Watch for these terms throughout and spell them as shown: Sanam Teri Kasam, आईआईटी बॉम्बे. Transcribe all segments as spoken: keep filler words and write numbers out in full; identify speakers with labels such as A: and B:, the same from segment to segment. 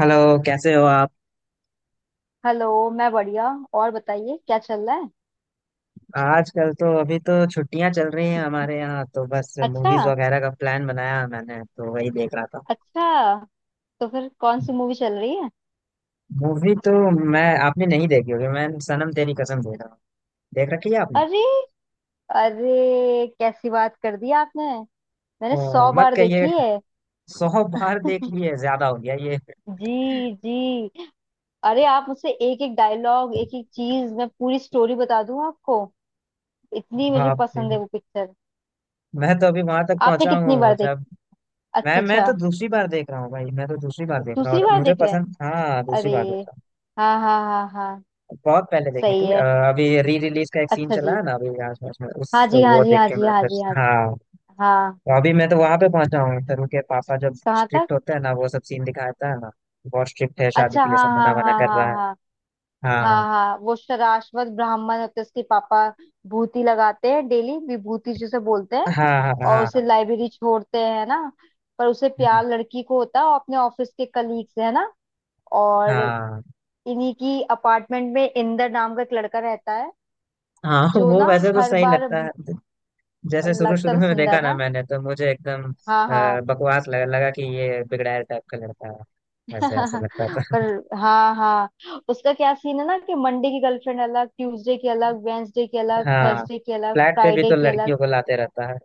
A: Hello. कैसे हो आप?
B: हेलो। मैं बढ़िया। और बताइए क्या चल रहा है।
A: आजकल तो अभी तो छुट्टियां चल रही हैं हमारे यहाँ, तो बस
B: अच्छा
A: मूवीज वगैरह का प्लान बनाया मैंने, तो वही देख रहा था।
B: अच्छा। तो फिर कौन सी मूवी चल रही है।
A: मूवी तो, मैं आपने नहीं देखी होगी, मैं सनम तेरी कसम देख रहा हूँ। देख रखी है आपने?
B: अरे अरे कैसी बात कर दी आपने। मैंने
A: ओ,
B: सौ
A: मत
B: बार
A: कहिए।
B: देखी है।
A: सौ बार देख ली है, ज्यादा हो गया ये।
B: जी जी। अरे आप मुझसे एक एक डायलॉग एक एक चीज मैं पूरी स्टोरी बता दूं आपको। इतनी मुझे
A: बाप रे।
B: पसंद है वो पिक्चर।
A: मैं तो अभी वहां तक
B: आपने
A: पहुंचा
B: कितनी
A: हूँ
B: बार देखी।
A: जब, मैं
B: अच्छा
A: मैं
B: अच्छा।
A: तो दूसरी बार देख रहा हूँ भाई, मैं तो दूसरी बार देख रहा हूँ,
B: दूसरी
A: और
B: बार
A: मुझे
B: देख रहे हैं।
A: पसंद। हाँ, दूसरी
B: अरे।
A: बार देख रहा हूँ।
B: हाँ हाँ हाँ हाँ।
A: बहुत पहले देखी
B: सही
A: थी। अ,
B: है।
A: अभी री रिलीज का एक सीन
B: अच्छा
A: चला
B: जी।
A: है ना, अभी आस पास में, उस
B: हाँ जी हाँ
A: वो
B: जी
A: देख
B: हाँ
A: के
B: जी
A: मैं
B: हाँ
A: फिर।
B: जी हाँ जी।
A: हाँ।
B: हाँ।
A: तो अभी मैं तो वहां पे पहुंचा हूँ, तरुण के पापा जब
B: कहाँ तक।
A: स्ट्रिक्ट होते हैं ना, वो सब सीन दिखाता है ना। बहुत स्ट्रिक्ट है, शादी
B: अच्छा
A: के लिए
B: हाँ
A: सब मना
B: हाँ
A: वना कर
B: हाँ
A: रहा
B: हाँ
A: है।
B: हाँ। हाँ
A: हाँ
B: हाँ वो शराश्वत ब्राह्मण होते हैं, उसके पापा भूति लगाते हैं, डेली विभूति जिसे बोलते हैं।
A: हाँ हाँ
B: और उसे
A: हाँ
B: लाइब्रेरी छोड़ते हैं, है ना। पर उसे
A: हाँ।
B: प्यार लड़की को होता है और अपने ऑफिस के कलीग से, है ना। और
A: हाँ
B: इन्हीं की अपार्टमेंट में इंदर नाम का एक लड़का रहता है।
A: हाँ। हाँ,
B: जो
A: वो
B: ना
A: वैसे तो
B: हर
A: सही
B: बार।
A: लगता है। जैसे शुरू
B: लगता
A: शुरू
B: तो
A: में देखा
B: सुंदर
A: ना
B: ना।
A: मैंने, तो मुझे एकदम
B: हाँ
A: अ,
B: हाँ।
A: बकवास लगा लगा कि ये बिगड़ैल टाइप का लड़का है, ऐसे ऐसे लगता था।
B: पर हाँ हाँ, उसका क्या सीन है ना कि मंडे की गर्लफ्रेंड अलग, ट्यूसडे की अलग, वेंसडे की अलग,
A: हाँ।
B: थर्सडे की अलग,
A: फ्लैट पे भी
B: फ्राइडे
A: तो
B: की अलग।
A: लड़कियों को लाते रहता है।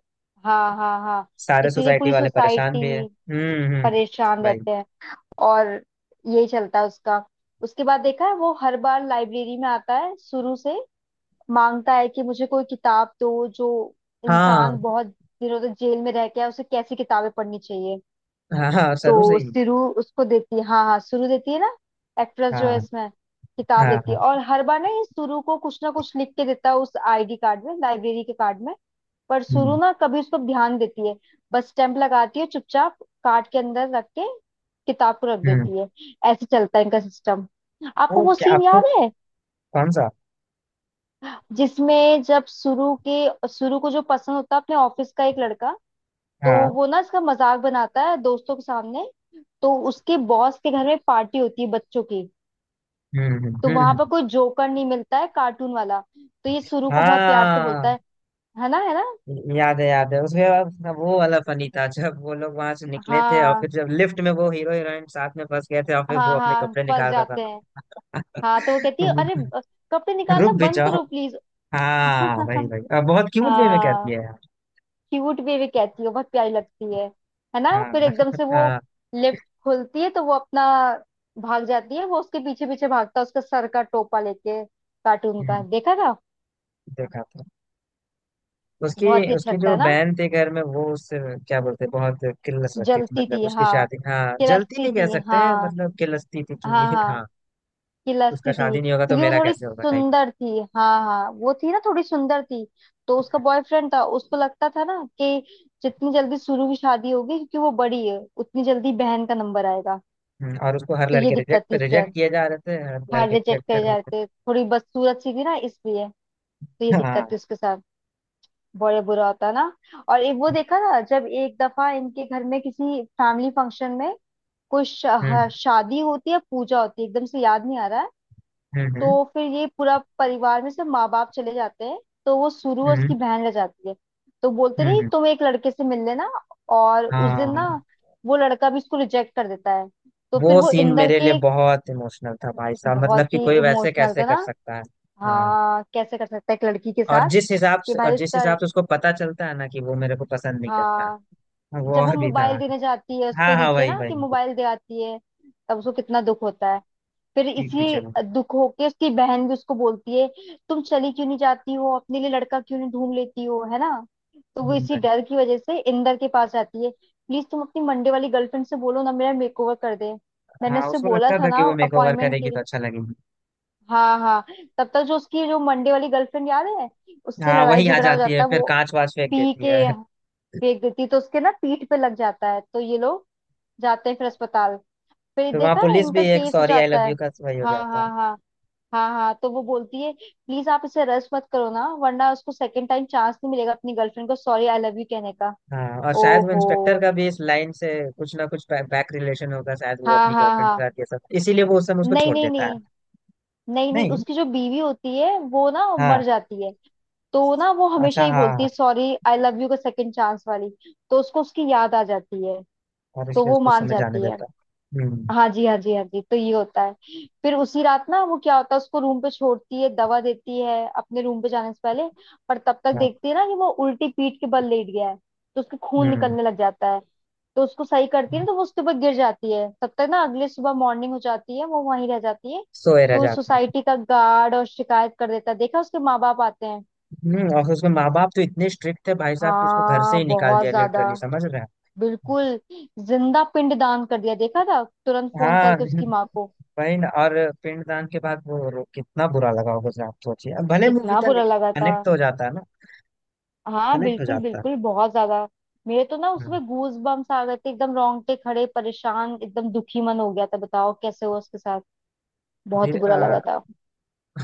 B: हाँ हाँ हाँ।
A: सारे
B: इसीलिए
A: सोसाइटी
B: पूरी
A: वाले परेशान
B: सोसाइटी
A: भी है। हम्म हम्म।
B: परेशान
A: भाई।
B: रहते हैं। और यही चलता है उसका। उसके बाद देखा है वो हर बार लाइब्रेरी में आता है शुरू से। मांगता है कि मुझे कोई किताब दो जो
A: हाँ
B: इंसान बहुत दिनों तक जेल में रह के आया, उसे कैसी किताबें पढ़नी चाहिए।
A: हाँ हाँ, सरू से
B: तो
A: ही।
B: सिरु उसको देती है। हाँ हाँ सुरु देती है ना, एक्ट्रेस जो
A: हाँ
B: है इसमें। किताब
A: हाँ
B: देती
A: हाँ।
B: है और हर बार ना ये सुरु को कुछ ना कुछ लिख के देता है उस आईडी कार्ड में, लाइब्रेरी के कार्ड में। पर सुरु
A: हम्म
B: ना कभी उसको ध्यान देती है। बस स्टैंप लगाती है चुपचाप, कार्ड के अंदर रख के किताब को रख
A: हम्म।
B: देती है। ऐसे चलता है इनका सिस्टम। आपको
A: वो
B: वो
A: क्या
B: सीन
A: आपको,
B: याद है
A: कौन सा?
B: जिसमें जब सुरु के सुरु को जो पसंद होता है अपने ऑफिस का एक लड़का, तो
A: हाँ।
B: वो ना इसका मजाक बनाता है दोस्तों के सामने। तो उसके बॉस के घर में पार्टी होती है बच्चों की।
A: हम्म हम्म
B: तो
A: हम्म
B: वहां पर
A: हम्म।
B: कोई जोकर नहीं मिलता है कार्टून वाला, तो ये सुरु को बहुत प्यार से
A: हाँ,
B: बोलता है। है ना, है ना।
A: याद है याद है उसमें। अब वो वाला फनी था जब वो लोग वहां से निकले थे, और फिर
B: हाँ
A: जब लिफ्ट में वो हीरो हीरोइन साथ में फंस गए थे, और फिर वो
B: हाँ
A: अपने
B: हाँ
A: कपड़े
B: फंस
A: निकाल रहा
B: जाते
A: था।
B: हैं। हाँ तो वो
A: ना।
B: कहती है अरे ब- कपड़े
A: रुक
B: निकालना
A: भी
B: बंद
A: जाओ।
B: करो प्लीज।
A: हाँ भाई भाई, अब बहुत क्यूट वे में
B: हाँ
A: कहती है यार।
B: क्यूट भी भी कहती है, बहुत प्यारी लगती है। है ना
A: हाँ।
B: फिर एकदम से वो
A: हाँ।
B: लिफ्ट खुलती है तो वो अपना भाग जाती है, वो उसके पीछे पीछे भागता है उसका सर का टोपा लेके, कार्टून का,
A: हम्म,
B: देखा था।
A: देखा था। उसकी,
B: बहुत ही अच्छा
A: उसकी
B: लगता
A: जो
B: है ना।
A: बहन थी घर में, वो उससे क्या बोलते हैं, बहुत किल्लस रखती थी,
B: जलती
A: मतलब
B: थी
A: उसकी
B: हाँ।
A: शादी, हाँ, जलती
B: खिलस्ती
A: नहीं कह
B: थी
A: सकते हैं,
B: हाँ
A: मतलब किल्लसती थी
B: हाँ
A: कि
B: हाँ।
A: हाँ। उसका
B: खिलस्ती थी
A: शादी नहीं होगा तो
B: क्योंकि वो
A: मेरा
B: थोड़ी
A: कैसे होगा टाइप।
B: सुंदर थी। हाँ हाँ वो थी ना, थोड़ी सुंदर थी। तो उसका बॉयफ्रेंड था, उसको लगता था ना कि जितनी जल्दी सुरु की शादी होगी क्योंकि वो बड़ी है, उतनी जल्दी बहन का नंबर आएगा।
A: हम्म, और उसको हर
B: तो ये
A: लड़के
B: दिक्कत
A: रिजेक्ट
B: थी इसके
A: रिजेक्ट
B: साथ।
A: किए जा रहे थे, हर
B: हार्ट
A: लड़के
B: रिजेक्ट
A: रिजेक्ट
B: कर
A: कर रहे थे।
B: जाते, थोड़ी बदसूरत सी थी ना इसलिए। तो ये दिक्कत थी
A: हाँ।
B: उसके साथ। बड़े बुरा होता ना। और एक वो देखा था जब एक दफा इनके घर में किसी फैमिली फंक्शन में कोई शा,
A: हम्म
B: हाँ, शादी होती है, पूजा होती है, एकदम से याद नहीं आ रहा है।
A: हम्म हम्म
B: तो फिर ये पूरा परिवार में से माँ बाप चले जाते हैं। तो वो सुरु और उसकी
A: हम्म।
B: बहन रह जाती है। तो बोलते
A: हम्म,
B: नहीं
A: हम्म,
B: तुम एक लड़के से मिल लेना। और उस दिन
A: हाँ।
B: ना वो लड़का भी इसको रिजेक्ट कर देता है। तो फिर
A: वो
B: वो
A: सीन
B: इंदर
A: मेरे लिए
B: के।
A: बहुत इमोशनल था भाई साहब,
B: बहुत
A: मतलब कि
B: ही
A: कोई वैसे
B: इमोशनल
A: कैसे
B: था
A: कर
B: ना।
A: सकता है? हाँ,
B: हाँ कैसे कर सकता है एक लड़की के
A: और
B: साथ।
A: जिस हिसाब
B: कि
A: से, और
B: भाई
A: जिस
B: उसका।
A: हिसाब से उसको पता चलता है ना कि वो मेरे को पसंद नहीं करता,
B: हाँ
A: वो
B: जब वो
A: और भी था।
B: मोबाइल देने जाती है
A: हाँ
B: उसको
A: हाँ,
B: नीचे,
A: वही
B: ना कि
A: वही।
B: मोबाइल दे आती है, तब उसको कितना दुख होता है। फिर
A: पीठ पीछे
B: इसी
A: में।
B: दुख होके उसकी बहन भी उसको बोलती है तुम चली क्यों नहीं जाती हो, अपने लिए लड़का क्यों नहीं ढूंढ लेती हो, है ना। तो वो
A: हम्म,
B: इसी
A: वही।
B: डर की वजह से इंदर के पास जाती है, प्लीज तुम अपनी मंडे वाली गर्लफ्रेंड से बोलो ना, मेरा मेकओवर कर दे। मैंने
A: हाँ,
B: उससे
A: उसको
B: बोला
A: लगता
B: था
A: था
B: ना
A: कि वो मेकओवर
B: अपॉइंटमेंट के
A: करेगी तो
B: लिए।
A: अच्छा लगेगी।
B: हाँ हाँ। तब तक जो उसकी जो मंडे वाली गर्लफ्रेंड याद है, उससे
A: हाँ,
B: लड़ाई
A: वही आ
B: झगड़ा हो
A: जाती है,
B: जाता है।
A: फिर
B: वो
A: कांच वाच फेंक
B: पी
A: देती है।
B: के फेंक देती है, तो उसके ना पीठ पे लग जाता है। तो ये लोग जाते हैं फिर अस्पताल। फिर
A: फिर वहाँ
B: देखा है
A: पुलिस भी,
B: इनका
A: एक
B: केस हो
A: सॉरी आई
B: जाता
A: लव
B: है।
A: यू का वही हो
B: हाँ
A: जाता
B: हाँ
A: है।
B: हाँ हाँ हाँ तो वो बोलती है प्लीज आप इसे रस मत करो ना, वरना उसको सेकंड टाइम चांस नहीं मिलेगा अपनी गर्लफ्रेंड को सॉरी आई लव यू कहने का।
A: हाँ, और शायद वो इंस्पेक्टर
B: ओहो।
A: का भी इस लाइन से कुछ ना कुछ बैक रिलेशन होगा, शायद वो
B: हाँ
A: अपनी
B: हाँ
A: गर्लफ्रेंड के
B: हाँ।
A: साथ, ये सब इसीलिए वो उस समय उसको
B: नहीं
A: छोड़
B: नहीं
A: देता है।
B: नहीं। नहीं नहीं
A: नहीं।
B: उसकी जो बीवी होती है वो ना मर
A: हाँ।
B: जाती है। तो ना वो हमेशा
A: अच्छा,
B: ही
A: हाँ हाँ
B: बोलती है
A: हाँ।
B: सॉरी आई लव यू का सेकंड चांस वाली। तो उसको उसकी याद आ जाती है।
A: और
B: तो
A: इसलिए
B: वो
A: उसको उस
B: मान
A: समय जाने
B: जाती है।
A: देता है। हम्म।
B: हाँ जी हाँ जी हाँ जी तो ये होता है। फिर उसी रात ना वो क्या होता है, उसको रूम पे छोड़ती है, दवा देती है अपने रूम पे जाने से पहले। पर तब तक
A: हाँ।
B: देखती है ना कि वो उल्टी पीठ के बल लेट गया है तो उसके खून
A: हम्म।
B: निकलने लग जाता है। तो उसको सही करती है ना, तो वो उसके ऊपर गिर जाती है, तब तक ना अगले सुबह मॉर्निंग हो जाती है, वो वहीं रह जाती है।
A: सोए रह
B: तो
A: जाती है।
B: सोसाइटी का गार्ड और शिकायत कर देता है, देखा, उसके माँ बाप आते हैं।
A: हम्म, और उसके माँ बाप तो इतने स्ट्रिक्ट थे भाई साहब कि उसको घर से
B: हाँ
A: ही निकाल
B: बहुत
A: दिया
B: ज्यादा।
A: लिटरली, समझ रहे हैं?
B: बिल्कुल। जिंदा पिंड दान कर दिया, देखा था, तुरंत फोन
A: हाँ।
B: करके उसकी माँ को।
A: वही ना, और पिंडदान के बाद वो रो, कितना बुरा लगा होगा सर, आप सोचिए, अब भले मूवी
B: कितना
A: था
B: बुरा
A: लेकिन
B: लगा था।
A: कनेक्ट तो हो जाता है ना।
B: हाँ
A: कनेक्ट हो
B: बिल्कुल
A: जाता है।
B: बिल्कुल, बहुत ज्यादा। मेरे तो ना
A: हाँ।
B: उसमें गूज बम्स आ गए थे, एकदम रोंगटे खड़े, परेशान, एकदम दुखी मन हो गया था, बताओ कैसे हुआ उसके साथ। बहुत ही
A: फिर
B: बुरा
A: आ,
B: लगा था।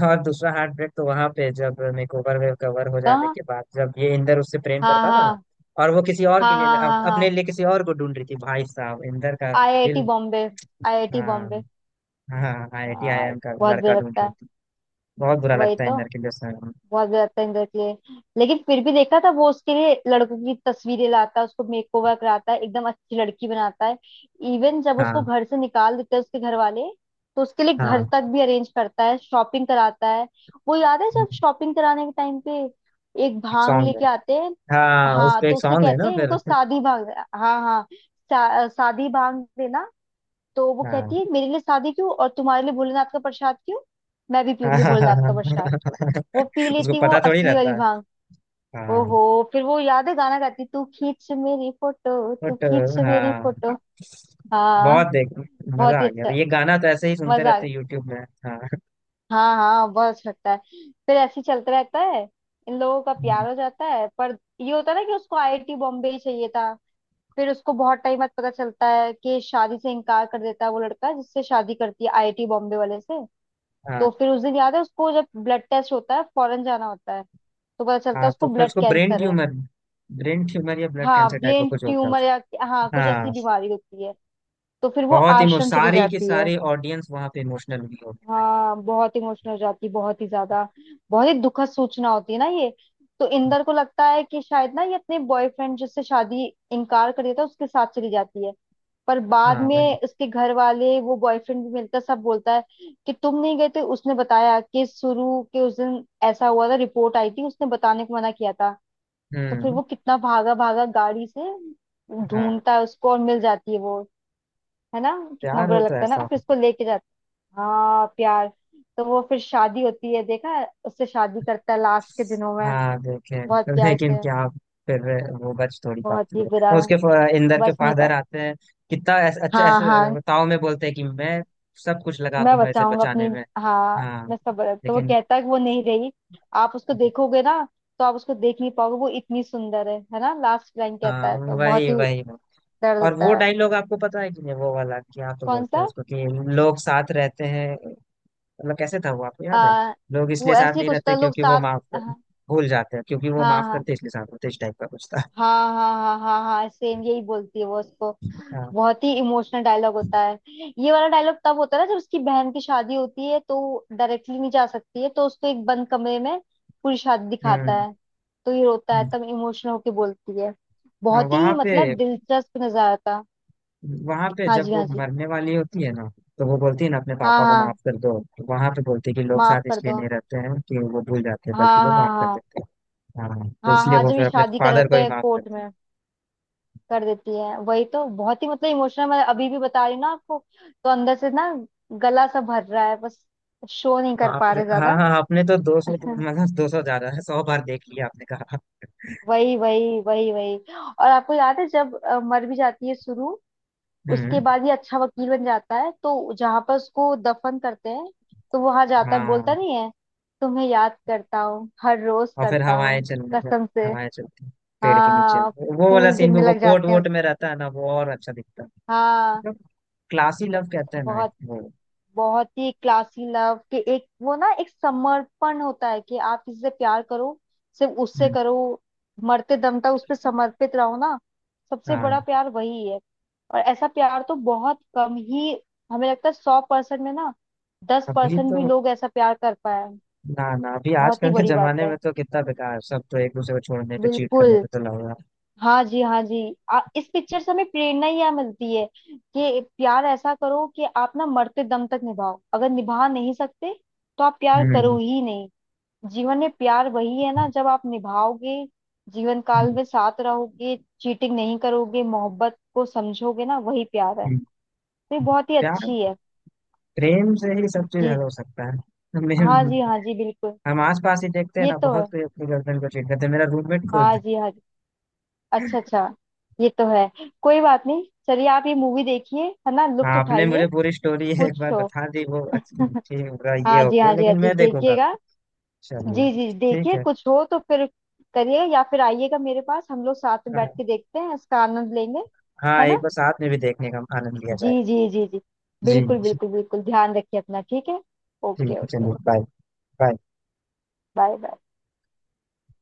A: और दूसरा हार्ट ब्रेक तो वहां पे, जब मेकओवर में कवर हो जाने
B: कहाँ।
A: के बाद, जब ये इंदर उससे प्रेम
B: हाँ
A: करता था
B: हाँ
A: ना, और वो किसी और के
B: हाँ
A: लिए,
B: हाँ
A: अप-
B: हाँ
A: अपने
B: हाँ।
A: लिए किसी और को ढूंढ रही थी भाई साहब, इंदर का
B: आईआईटी
A: दिल।
B: बॉम्बे। आईआईटी बॉम्बे।
A: हाँ हाँ, आई आई टी आई
B: हाँ
A: एम का
B: बहुत बुरा
A: लड़का ढूंढ
B: लगता
A: रही
B: है।
A: थी। बहुत बुरा
B: वही
A: लगता है
B: तो।
A: इंदर के लिए।
B: बहुत ज्यादा तंग करती है। लेकिन फिर भी देखा था वो उसके लिए लड़कों की तस्वीरें लाता है, उसको मेकओवर कराता है, एकदम अच्छी लड़की बनाता है। इवन जब उसको
A: हाँ
B: घर से निकाल देते हैं उसके घर वाले, तो उसके लिए घर
A: हाँ।
B: तक भी अरेंज करता है, शॉपिंग कराता है। वो याद है जब
A: हम्म,
B: शॉपिंग कराने के टाइम पे एक
A: एक
B: भांग
A: सॉन्ग है।
B: लेके आते हैं।
A: हाँ, उस
B: हाँ
A: पे
B: तो
A: एक
B: उससे
A: सॉन्ग है
B: कहते
A: ना,
B: हैं
A: फिर।
B: इनको शादी भांग। हाँ हाँ शा- शादी भांग देना। तो वो
A: हाँ।
B: कहती है मेरे लिए शादी क्यों और तुम्हारे लिए भोलेनाथ का प्रसाद क्यों, मैं भी
A: हाँ
B: पीऊंगी
A: हाँ हाँ
B: भोलेनाथ
A: हाँ।
B: का प्रसाद। वो पी
A: उसको
B: लेती वो
A: पता थोड़ी
B: असली
A: रहता
B: वाली
A: है।
B: भांग।
A: हाँ।
B: ओहो। फिर वो याद है गाना गाती, तू खींच मेरी फोटो, तू
A: बट।
B: खींच मेरी फोटो।
A: हाँ,
B: हाँ
A: बहुत देख मजा
B: बहुत ही
A: आ गया,
B: अच्छा,
A: ये गाना तो ऐसे ही सुनते
B: मजा आ
A: रहते
B: गया।
A: यूट्यूब में। हाँ।
B: हाँ हाँ बहुत अच्छा लगता है। फिर ऐसे ही चलता रहता है, इन लोगों का
A: हम्म,
B: प्यार हो जाता है, पर ये होता है ना कि उसको आईआईटी बॉम्बे ही चाहिए था। फिर उसको बहुत टाइम बाद पता चलता है कि शादी से इनकार कर देता है वो लड़का जिससे शादी करती है, आईआईटी बॉम्बे वाले से। तो
A: हाँ।
B: फिर उस दिन याद है उसको जब ब्लड टेस्ट होता है, फॉरेन जाना होता है, तो पता चलता है
A: हाँ तो
B: उसको
A: फिर
B: ब्लड
A: उसको ब्रेन
B: कैंसर है।
A: ट्यूमर, ब्रेन ट्यूमर या ब्लड
B: हाँ
A: कैंसर टाइप का
B: ब्रेन
A: कुछ होता है
B: ट्यूमर या,
A: उसको।
B: हाँ कुछ
A: हाँ।
B: ऐसी बीमारी होती है। तो फिर वो
A: बहुत इमो
B: आश्रम चली
A: सारी की
B: जाती है।
A: सारी ऑडियंस वहां पे इमोशनल हुई होगी भाई साहब।
B: हाँ बहुत इमोशनल हो जाती है, बहुत ही ज्यादा। बहुत ही दुखद सूचना होती है ना ये। तो इंदर को लगता है कि शायद ना ये अपने बॉयफ्रेंड जिससे शादी इनकार कर दिया था उसके साथ चली जाती है। पर बाद
A: हाँ भाई।
B: में उसके घर वाले वो बॉयफ्रेंड भी मिलता है, सब बोलता है कि तुम नहीं गए थे, उसने बताया कि शुरू के उस दिन ऐसा हुआ था, रिपोर्ट आई थी, उसने बताने को मना किया था। तो फिर
A: हम्म।
B: वो कितना भागा भागा गाड़ी से
A: हाँ।
B: ढूंढता है उसको और मिल जाती है वो, है ना। कितना
A: प्यार
B: बुरा
A: हो तो
B: लगता है ना,
A: ऐसा
B: फिर
A: हो।
B: उसको लेके जाता है। हाँ प्यार। तो वो फिर शादी होती है, देखा है? उससे शादी करता है लास्ट के दिनों में,
A: हाँ, देखे
B: बहुत
A: हैं।
B: प्यार
A: लेकिन
B: से।
A: क्या फिर वो बच थोड़ी
B: बहुत
A: पाती
B: ही
A: है?
B: बुरा।
A: उसके फ- इंदर के
B: बच नहीं
A: फादर
B: पाया।
A: आते हैं, कितना ऐस, अच्छा
B: हाँ हाँ।
A: ऐसे ताव में बोलते हैं कि मैं सब कुछ लगा
B: मैं
A: दूंगा इसे
B: बचाऊंगा अपनी,
A: बचाने में।
B: हाँ
A: हाँ।
B: मैं सबर, तो वो
A: लेकिन
B: कहता है कि वो नहीं रही। आप उसको देखोगे ना, तो आप उसको देख नहीं पाओगे, वो इतनी सुंदर है है ना, लास्ट लाइन कहता
A: हाँ,
B: है, तो बहुत
A: वही
B: ही
A: वही वही।
B: दर्द
A: और
B: होता
A: वो
B: है।
A: डायलॉग आपको पता है कि नहीं, वो वाला क्या तो
B: कौन
A: बोलते हैं
B: सा।
A: उसको कि लोग साथ रहते हैं, मतलब कैसे था वो आपको
B: आ,
A: याद है? लोग इसलिए
B: वो
A: साथ
B: ऐसे ही
A: नहीं
B: कुछ
A: रहते
B: तो लोग
A: क्योंकि वो
B: साथ।
A: माफ कर,
B: हाँ
A: भूल जाते हैं, क्योंकि वो
B: हाँ
A: माफ
B: हाँ
A: करते हैं, इसलिए साथ होते हैं, इस टाइप का कुछ था।
B: हाँ हाँ हाँ हाँ सेम यही बोलती है वो उसको।
A: हाँ।
B: बहुत ही इमोशनल डायलॉग होता है। ये वाला डायलॉग तब होता है ना जब उसकी बहन की शादी होती है, तो डायरेक्टली नहीं जा सकती है, तो उसको एक बंद कमरे में पूरी शादी दिखाता
A: हम्म
B: है। तो ये रोता है,
A: हम्म।
B: तब इमोशनल होके बोलती है।
A: हाँ
B: बहुत
A: वहां
B: ही
A: पे,
B: मतलब दिलचस्प नजारा था।
A: वहां पे
B: हाँ
A: जब
B: जी
A: वो
B: हाँ जी।
A: मरने वाली होती है ना, तो वो बोलती है ना अपने
B: हाँ
A: पापा को माफ
B: हाँ।
A: कर दो, वहां पे बोलती है कि लोग
B: माफ
A: साथ
B: कर
A: इसलिए
B: दो।
A: नहीं रहते हैं कि वो भूल जाते हैं,
B: हाँ
A: बल्कि वो
B: हाँ
A: माफ कर
B: हाँ
A: देते हैं। हाँ, तो
B: हाँ।
A: इसलिए
B: हाँ
A: वो
B: जब
A: फिर
B: ये
A: अपने
B: शादी कर
A: फादर को
B: होते
A: ही
B: हैं
A: माफ
B: कोर्ट
A: करते
B: में
A: हैं।
B: कर देती है वही, तो बहुत ही मतलब इमोशनल, मैं अभी भी बता रही हूँ ना आपको, तो अंदर से ना गला सा भर रहा है बस, शो नहीं कर
A: बाप
B: पा
A: रे,
B: रहे
A: हाँ
B: ज्यादा।
A: हाँ, आपने तो दो सौ,
B: हम्म।
A: मतलब दो सौ ज्यादा है, सौ बार देख लिया आपने, कहा।
B: वही वही वही वही। और आपको याद है जब अ, मर भी जाती है शुरू, उसके
A: हम्म।
B: बाद ये अच्छा वकील बन जाता है, तो जहां पर उसको दफन करते हैं, तो वो वहां जाता है, बोलता
A: हाँ,
B: नहीं है, तुम्हें याद करता हूँ हर रोज
A: और फिर
B: करता
A: हवाएं
B: हूँ
A: चलने पर,
B: कसम से।
A: हवाएं चलती हैं, पेड़ के नीचे,
B: हाँ
A: वो वाला
B: फूल
A: सीन भी,
B: गिरने
A: वो
B: लग
A: कोट
B: जाते हैं।
A: वोट में रहता है ना, वो और अच्छा दिखता
B: हाँ
A: है। क्लासी लव कहते हैं ना,
B: बहुत।
A: वो।
B: बहुत ही क्लासी लव कि एक वो ना एक समर्पण होता है कि आप किसी से प्यार करो, सिर्फ उससे
A: हम्म,
B: करो, मरते दम तक उस पर समर्पित रहो ना, सबसे
A: हाँ।
B: बड़ा प्यार वही है। और ऐसा प्यार तो बहुत कम ही हमें लगता है, सौ परसेंट में ना दस
A: अभी
B: परसेंट
A: तो,
B: भी लोग ऐसा प्यार कर पाए।
A: ना ना, अभी
B: बहुत ही
A: आजकल के
B: बड़ी बात
A: जमाने
B: है।
A: में तो कितना बेकार, सब तो एक दूसरे को छोड़ने पे, चीट
B: बिल्कुल।
A: करने पे तो लग रहा है।
B: हाँ जी हाँ जी। आ, इस पिक्चर से हमें प्रेरणा ही यह मिलती है कि प्यार ऐसा करो कि आप ना मरते दम तक निभाओ, अगर निभा नहीं सकते तो आप प्यार करो
A: हम्म
B: ही नहीं। जीवन में प्यार वही है ना जब आप निभाओगे, जीवन काल
A: हम्म,
B: में साथ रहोगे, चीटिंग नहीं करोगे, मोहब्बत को समझोगे ना, वही प्यार है।
A: हम्म,
B: तो ये
A: हम्म।
B: बहुत ही
A: प्यार,
B: अच्छी है।
A: प्रेम से ही सब चीज
B: जी
A: हल हो सकता है।
B: हाँ
A: हमें-
B: जी हाँ जी बिल्कुल।
A: हम आस पास ही देखते हैं
B: ये
A: ना,
B: तो है।
A: बहुत कोई अपनी गर्लफ्रेंड को चीट करते हैं, मेरा रूममेट खुद।
B: हाँ जी हाँ जी। अच्छा अच्छा। ये तो है। कोई बात नहीं, चलिए आप ये मूवी देखिए, है ना,
A: हाँ,
B: लुत्फ
A: आपने
B: उठाइए।
A: मुझे पूरी स्टोरी एक
B: कुछ।
A: बार बता दी, वो अच्छी, ठीक होगा, ये
B: हाँ
A: हो
B: जी
A: गया,
B: हाँ जी हाँ
A: लेकिन
B: जी
A: मैं देखूंगा।
B: देखिएगा। जी
A: चलिए।
B: जी
A: ठीक
B: देखिए,
A: है।
B: कुछ हो तो फिर करिएगा, या फिर आइएगा मेरे पास, हम लोग साथ में बैठ
A: हाँ।
B: के देखते हैं, इसका आनंद लेंगे,
A: हाँ,
B: है
A: एक
B: ना।
A: बार साथ में भी देखने का आनंद लिया
B: जी
A: जाएगा।
B: जी जी जी। बिल्कुल
A: जी।
B: बिल्कुल बिल्कुल। ध्यान रखिए अपना, ठीक है।
A: ठीक
B: ओके
A: है,
B: ओके।
A: चलिए, बाय। बाय।
B: Bye bye.